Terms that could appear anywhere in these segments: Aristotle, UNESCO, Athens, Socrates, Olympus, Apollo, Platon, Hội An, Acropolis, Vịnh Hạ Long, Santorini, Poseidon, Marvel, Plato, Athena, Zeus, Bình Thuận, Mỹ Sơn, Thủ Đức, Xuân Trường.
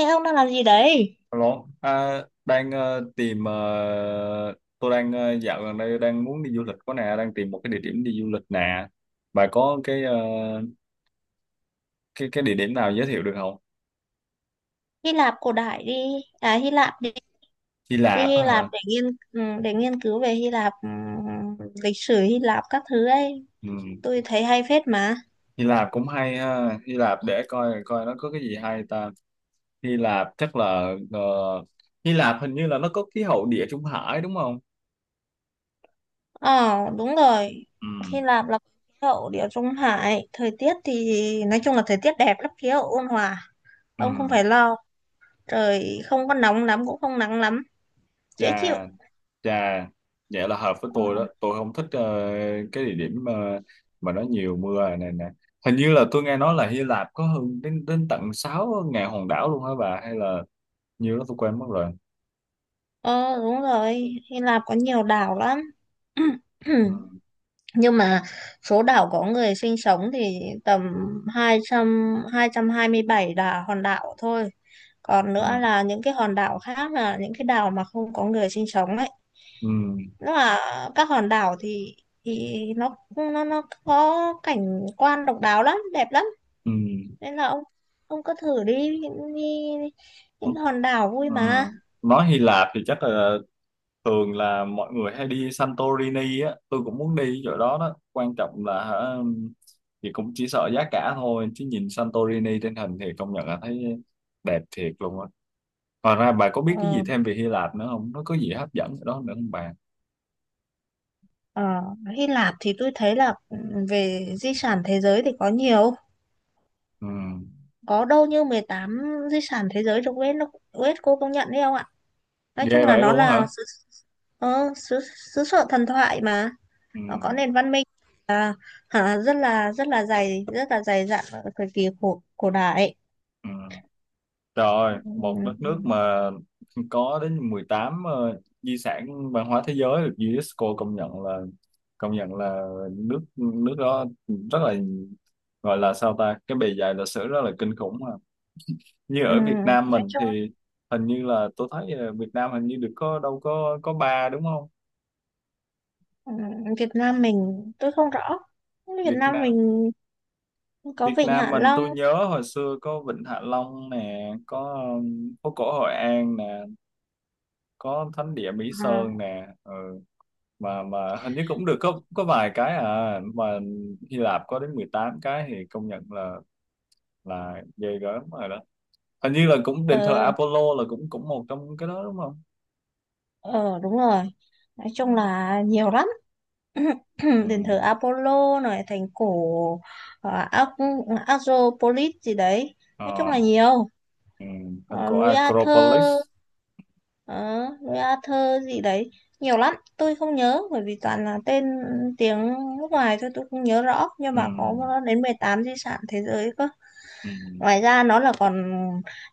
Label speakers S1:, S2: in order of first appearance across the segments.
S1: Ê ông đang làm gì đấy?
S2: Alo, à, đang ờ, tìm ờ, tôi đang dạo gần đây đang muốn đi du lịch có nè, đang tìm một cái địa điểm đi du lịch nè. Bà có cái địa điểm nào giới thiệu được không?
S1: Hy Lạp cổ đại đi, à Hy Lạp đi,
S2: Hy
S1: đi
S2: Lạp
S1: Hy
S2: á
S1: Lạp
S2: hả?
S1: để nghiên ừ, để nghiên cứu về Hy Lạp, lịch sử Hy Lạp các thứ ấy.
S2: Ừ.
S1: Tôi thấy hay phết mà.
S2: Hy Lạp cũng hay ha. Hy Lạp để coi coi nó có cái gì hay ta. Hy Lạp chắc là ờ, Hy Lạp hình như là nó có khí hậu Địa Trung Hải đúng không?
S1: Ờ đúng rồi.
S2: Ừ.
S1: Hy Lạp là hậu Địa Trung Hải, thời tiết thì nói chung là thời tiết đẹp lắm, khí hậu ôn hòa.
S2: Ừ.
S1: Ông không phải lo, trời không có nóng lắm cũng không nắng lắm, dễ chịu.
S2: Dạ. Chà, vậy là hợp với
S1: Ờ
S2: tôi đó. Tôi không thích cái địa điểm mà nó nhiều mưa này nè. Hình như là tôi nghe nói là Hy Lạp có hơn đến đến tận 6 ngàn hòn đảo luôn hả bà? Hay là nhiều đó tôi quên mất rồi.
S1: ờ, đúng rồi, Hy Lạp có nhiều đảo lắm.
S2: Ừ,
S1: Nhưng mà số đảo có người sinh sống thì tầm 200 227 là hòn đảo thôi, còn
S2: ừ,
S1: nữa là những cái hòn đảo khác, là những cái đảo mà không có người sinh sống ấy.
S2: ừ,
S1: Nó là các hòn đảo thì thì nó có cảnh quan độc đáo lắm, đẹp lắm,
S2: ừ,
S1: nên là ông cứ thử đi, đi đi.
S2: ừ,
S1: Những hòn đảo vui
S2: ừ.
S1: mà.
S2: Nói Hy Lạp thì chắc là thường là mọi người hay đi Santorini á. Tôi cũng muốn đi chỗ đó đó. Quan trọng là hả, thì cũng chỉ sợ giá cả thôi. Chứ nhìn Santorini trên hình thì công nhận là thấy đẹp thiệt luôn á. Ngoài ra bà có biết cái gì
S1: ờ,
S2: thêm về Hy Lạp nữa không? Nó có gì hấp dẫn ở đó nữa không bà?
S1: ờ, Hy Lạp thì tôi thấy là về di sản thế giới thì có nhiều,
S2: Ừ.
S1: có đâu như 18 di sản thế giới được UNESCO UNESCO công nhận đấy không ạ? Nói chung
S2: Ghê
S1: là
S2: vậy
S1: nó
S2: luôn á
S1: là
S2: hả?
S1: xứ, ờ, xứ, xứ sở thần thoại mà,
S2: Ừ.
S1: nó có nền văn minh, à, rất là dày, rất là dày dặn ở thời kỳ cổ cổ đại.
S2: Ừ. Rồi, một đất nước
S1: Ừm,
S2: mà có đến 18 di sản văn hóa thế giới được UNESCO công nhận là nước nước đó rất là, gọi là sao ta, cái bề dày lịch sử rất là kinh khủng mà. Như ở Việt Nam
S1: nói
S2: mình
S1: chung
S2: thì hình như là tôi thấy Việt Nam hình như được có đâu có ba đúng không?
S1: Việt Nam mình tôi không rõ. Việt
S2: Việt
S1: Nam
S2: Nam
S1: mình có
S2: Việt
S1: Vịnh
S2: Nam
S1: Hạ
S2: mình
S1: Long.
S2: tôi nhớ hồi xưa có Vịnh Hạ Long nè, có phố cổ Hội An nè, có thánh địa Mỹ Sơn nè, ừ. Mà hình như cũng được có vài cái mà Hy Lạp có đến 18 cái thì công nhận là ghê gớm rồi đó. Hình như là cũng đền thờ
S1: à,
S2: Apollo là cũng cũng một trong cái đó đúng không?
S1: Ờ đúng rồi. Nói
S2: Ừ,
S1: chung là nhiều lắm.
S2: ừ,
S1: Đền thờ Apollo này, thành cổ Acropolis gì đấy. Nói chung
S2: ờ,
S1: là nhiều.
S2: ừ. Thành
S1: Ờ,
S2: cổ
S1: núi
S2: Acropolis.
S1: Arthur đó, núi A Thơ gì đấy, nhiều lắm tôi không nhớ bởi vì toàn là tên tiếng nước ngoài, thôi tôi không nhớ rõ, nhưng
S2: Ừ,
S1: mà có đến 18 di sản thế giới cơ.
S2: ừ,
S1: Ngoài ra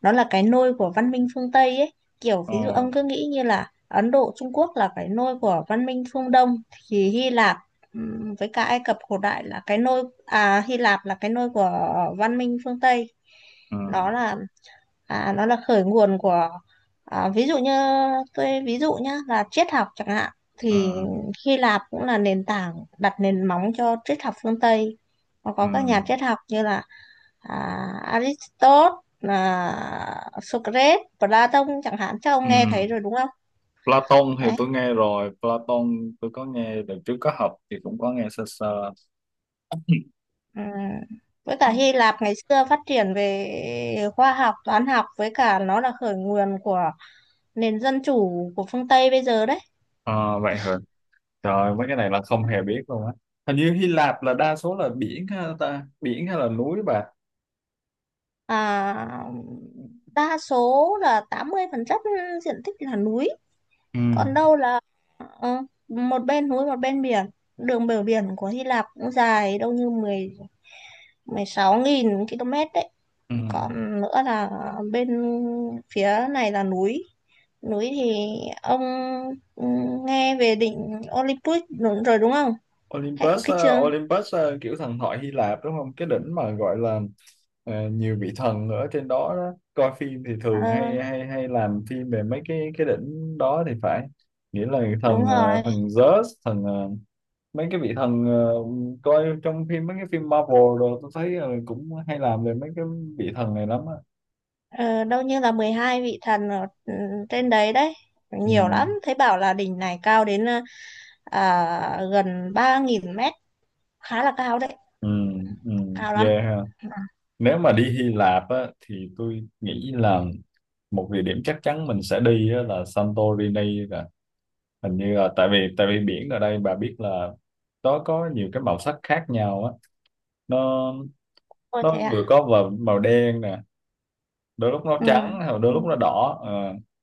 S1: nó là cái nôi của văn minh phương Tây ấy, kiểu
S2: ờ,
S1: ví dụ ông cứ nghĩ như là Ấn Độ, Trung Quốc là cái nôi của văn minh phương Đông, thì Hy Lạp với cả Ai Cập cổ đại là cái nôi, Hy Lạp là cái nôi của văn minh phương Tây.
S2: ừ,
S1: nó là nó là khởi nguồn của, ví dụ như tôi ví dụ nhá là triết học chẳng hạn,
S2: ừ,
S1: thì Hy Lạp cũng là nền tảng, đặt nền móng cho triết học phương Tây. Nó
S2: ừ.
S1: có các nhà triết học như là à, Aristotle, Socrates, Plato chẳng hạn, chắc ông
S2: Ừ.
S1: nghe thấy rồi đúng không?
S2: Platon thì
S1: Đấy.
S2: tôi nghe rồi, Platon tôi có nghe được, trước có học thì cũng có nghe sơ sơ.
S1: Ừm. Với cả Hy Lạp ngày xưa phát triển về khoa học, toán học, với cả nó là khởi nguồn của nền dân chủ của phương Tây bây giờ đấy.
S2: Ờ, vậy hả? Trời, mấy cái này là không hề biết luôn á. Hình như Hy Lạp là đa số là biển ha ta, biển hay là núi bà.
S1: à, Đa số là 80% diện tích là núi,
S2: Ừ.
S1: còn đâu là ờ, một bên núi một bên biển. Đường bờ biển của Hy Lạp cũng dài đâu như 10 16.000 km đấy.
S2: Ừ.
S1: Còn nữa là bên phía này là núi, núi thì ông ừ, nghe về đỉnh Olympus đúng rồi đúng không, hay có
S2: Olympus,
S1: cái trường.
S2: Olympus kiểu thần thoại Hy Lạp đúng không? Cái đỉnh mà gọi là nhiều vị thần ở trên đó, đó. Coi phim thì thường
S1: Ờ,
S2: hay hay hay làm phim về mấy cái đỉnh đó thì phải. Nghĩa là
S1: đúng
S2: thần
S1: rồi.
S2: thần Zeus, mấy cái vị thần coi trong phim, mấy cái phim Marvel rồi tôi thấy cũng hay làm về mấy cái vị thần này lắm á.
S1: Ờ, đâu như là 12 vị thần ở trên đấy đấy,
S2: Ừ,
S1: nhiều lắm. Thấy bảo là đỉnh này cao đến gần 3.000 m, khá là cao đấy,
S2: ừ, ừ,
S1: cao lắm.
S2: yeah ha. Nếu mà đi Hy Lạp á thì tôi nghĩ là một địa điểm chắc chắn mình sẽ đi á, là Santorini rồi. Hình như là tại vì biển ở đây, bà biết là nó có nhiều cái màu sắc khác nhau á. nó
S1: Ôi
S2: nó
S1: thế à.
S2: vừa có vào màu đen nè, đôi lúc nó
S1: Ừ.
S2: trắng hoặc
S1: Ừ.
S2: đôi lúc nó đỏ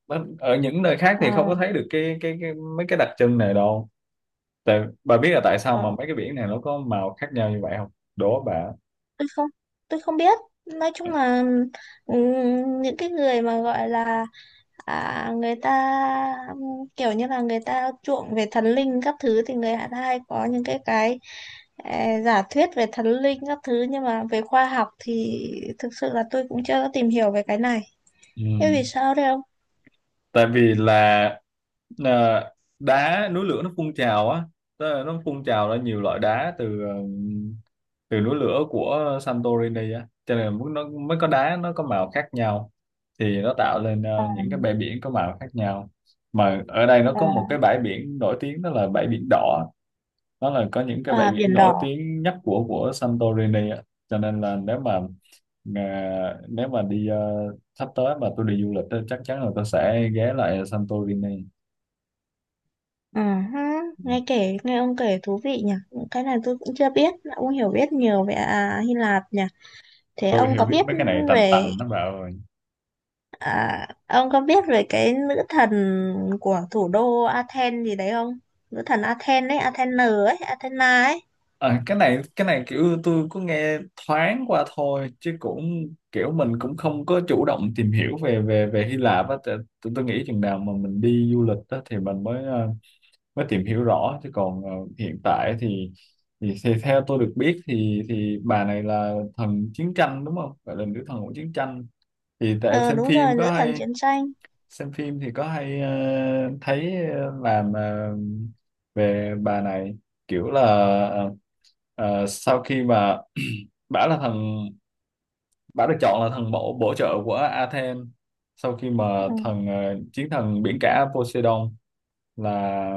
S2: ờ. Ở những nơi khác
S1: Ờ,
S2: thì không có thấy được cái mấy cái đặc trưng này đâu. Tại bà biết là tại sao
S1: ờ,
S2: mà mấy cái biển này nó có màu khác nhau như vậy không? Đố bà.
S1: tôi không tôi không biết, nói chung là ừ, những cái người mà gọi là người ta, kiểu như là người ta chuộng về thần linh các thứ thì người ta hay có những cái giả thuyết về thần linh các thứ, nhưng mà về khoa học thì thực sự là tôi cũng chưa có tìm hiểu về cái này.
S2: Ừ.
S1: Thế vì sao đấy không?
S2: Tại vì là à, đá núi lửa nó phun trào á, tức là nó phun trào ra nhiều loại đá từ từ núi lửa của Santorini á, cho nên mới- nó mới có đá nó có màu khác nhau thì nó tạo lên những cái bãi biển có màu khác nhau. Mà ở đây nó có một
S1: À,
S2: cái bãi biển nổi tiếng, đó là bãi biển đỏ, đó là có những cái bãi
S1: À,
S2: biển
S1: biển
S2: nổi
S1: đỏ.
S2: tiếng nhất của Santorini ạ. Cho nên là nếu mà nếu mà đi sắp tới mà tôi đi du lịch á, chắc chắn là tôi sẽ ghé lại Santorini.
S1: Ừ, hứ,
S2: Ừ.
S1: Nghe kể, nghe ông kể thú vị nhỉ. Cái này tôi cũng chưa biết, ông hiểu biết nhiều về Hy Lạp nhỉ. Thế
S2: Tôi
S1: ông
S2: hiểu
S1: có
S2: biết
S1: biết
S2: mấy cái này tành
S1: về
S2: tành nó bảo rồi.
S1: À, ông có biết về cái nữ thần của thủ đô Athens gì đấy không? Nữ thần Athens ấy, Athena ấy, Athena ấy.
S2: Cái này kiểu tôi có nghe thoáng qua thôi, chứ cũng kiểu mình cũng không có chủ động tìm hiểu về về về Hy Lạp á. Tại- tôi nghĩ chừng nào mà mình đi du lịch á, thì mình mới mới tìm hiểu rõ, chứ còn hiện tại thì, thì theo tôi được biết thì bà này là thần chiến tranh đúng không, gọi là nữ thần của chiến tranh. Thì tại em
S1: Ờ
S2: xem
S1: đúng
S2: phim
S1: rồi, nữ
S2: có
S1: thần
S2: hay
S1: chiến tranh.
S2: xem phim thì có hay thấy làm về bà này kiểu là ờ, sau khi mà bả là thần, bả được chọn là thần bổ bổ trợ của Athens sau khi mà
S1: Ừ.
S2: thần chiến thần biển cả Poseidon là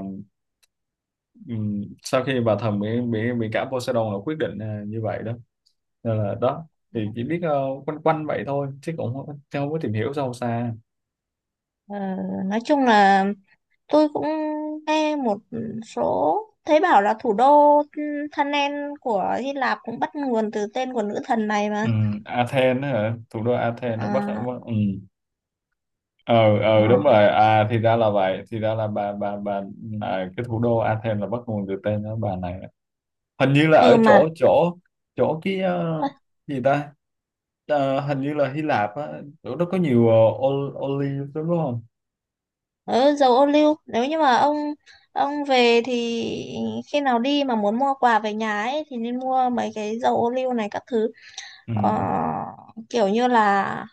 S2: Ừ, sau khi bà thần bị cả Poseidon là quyết định như vậy đó, nên là đó thì chỉ biết quanh quanh vậy thôi, chứ cũng không, chứ không có tìm hiểu sâu xa.
S1: Ờ, nói chung là tôi cũng nghe một số, thấy bảo là thủ đô Thanen của Hy Lạp cũng bắt nguồn từ tên của nữ thần này mà.
S2: Ừ, Athens hả, thủ đô Athens ở
S1: À,
S2: Bắc. Ừ. Ờ ờ đúng
S1: à.
S2: rồi, à thì ra là vậy, thì ra là bà cái thủ đô Athens là bắt nguồn từ tên đó, bà này. Hình như là
S1: Ừ
S2: ở
S1: mà.
S2: chỗ chỗ chỗ cái gì ta. Ờ, hình như là Hy Lạp á, chỗ đó có nhiều ol- olive đúng không?
S1: Ờ, dầu ô liu, nếu như mà ông về thì khi nào đi mà muốn mua quà về nhà ấy thì nên mua mấy cái dầu ô liu này các thứ.
S2: Ừ.
S1: Ờ, kiểu như là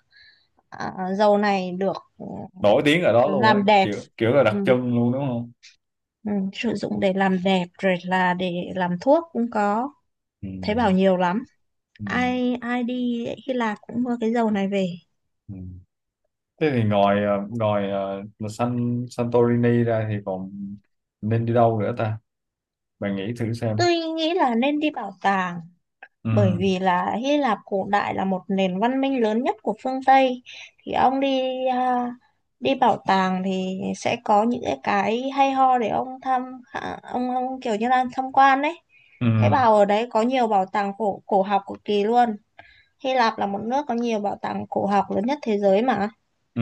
S1: à, dầu này được ừ,
S2: Nổi tiếng ở đó luôn á,
S1: làm đẹp.
S2: kiểu kiểu là
S1: Ừ.
S2: đặc trưng luôn đúng không?
S1: Ừ, sử dụng để làm đẹp rồi là để làm thuốc cũng có,
S2: Ừ.
S1: thấy bảo nhiều lắm,
S2: Ừ.
S1: ai ai đi Hy Lạp cũng mua cái dầu này về.
S2: Ừ. Thế thì ngoài là Santorini ra thì còn nên đi đâu nữa ta? Bạn nghĩ thử xem.
S1: Tôi nghĩ là nên đi bảo tàng, bởi
S2: Ừ.
S1: vì là Hy Lạp cổ đại là một nền văn minh lớn nhất của phương Tây, thì ông đi đi bảo tàng thì sẽ có những cái hay ho để ông thăm, ông kiểu như là tham quan đấy.
S2: Ừ.
S1: Thế bảo ở đấy có nhiều bảo tàng cổ cổ học cực kỳ luôn. Hy Lạp là một nước có nhiều bảo tàng cổ học lớn nhất thế giới mà.
S2: Ừ.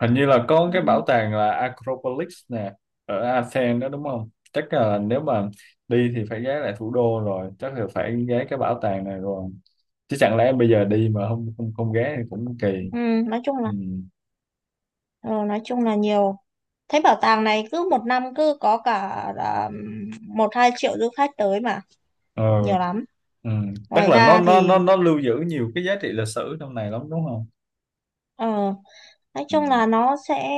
S2: Hình như là có
S1: Ừ,
S2: cái bảo tàng là Acropolis nè, ở Athens đó đúng không? Chắc là nếu mà đi thì phải ghé lại thủ đô rồi, chắc là phải ghé cái bảo tàng này rồi, chứ chẳng lẽ bây giờ đi mà không không không ghé thì cũng kỳ.
S1: Ừ, nói chung
S2: Ừ.
S1: là ừ, nói chung là nhiều. Thế bảo tàng này cứ một năm cứ có cả à, một hai triệu du khách tới mà,
S2: Ờ.
S1: nhiều lắm.
S2: Ừ. Tức
S1: Ngoài
S2: là nó
S1: ra
S2: nó
S1: thì
S2: nó nó lưu giữ nhiều cái giá trị lịch sử trong này lắm đúng không?
S1: Ờ, nói
S2: Ừ.
S1: chung là nó sẽ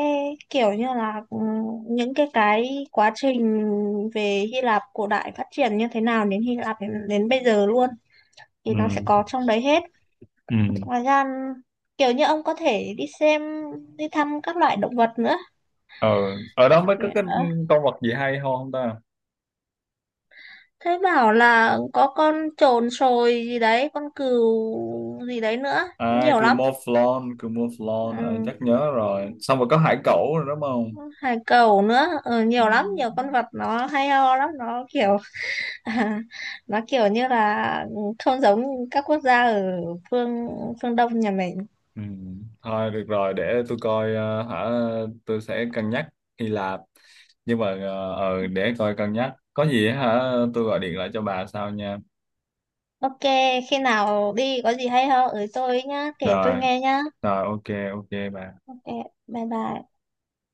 S1: kiểu như là những cái quá trình về Hy Lạp cổ đại phát triển như thế nào đến Hy Lạp đến bây giờ luôn thì
S2: Ừ.
S1: nó sẽ có trong đấy hết.
S2: Ừ.
S1: Ngoài ra kiểu như ông có thể đi xem, đi thăm các loại động vật nữa.
S2: Ờ. Ở đó mới có cái
S1: Ờ,
S2: con vật gì hay ho không ta?
S1: thế bảo là có con chồn sồi gì đấy, con cừu gì đấy nữa,
S2: À,
S1: nhiều lắm.
S2: Cumoflon, Cumoflon ờ,
S1: Ừ.
S2: chắc nhớ rồi, xong rồi có hải cẩu rồi đúng không?
S1: Hải cẩu nữa, ừ,
S2: Ừ.
S1: nhiều lắm, nhiều con vật nó hay ho lắm, nó kiểu À, nó kiểu như là ừ, không giống các quốc gia ở phương phương Đông nhà mình.
S2: Ừ. Thôi được rồi, để tôi coi hả, tôi sẽ cân nhắc Hy Lạp, nhưng mà để coi cân nhắc có gì hả, tôi gọi điện lại cho bà sau nha.
S1: Ok, khi nào đi có gì hay ho ở tôi nhá, kể tôi
S2: rồi
S1: nghe nhá.
S2: rồi ok, ok bà.
S1: Ok, bye bye.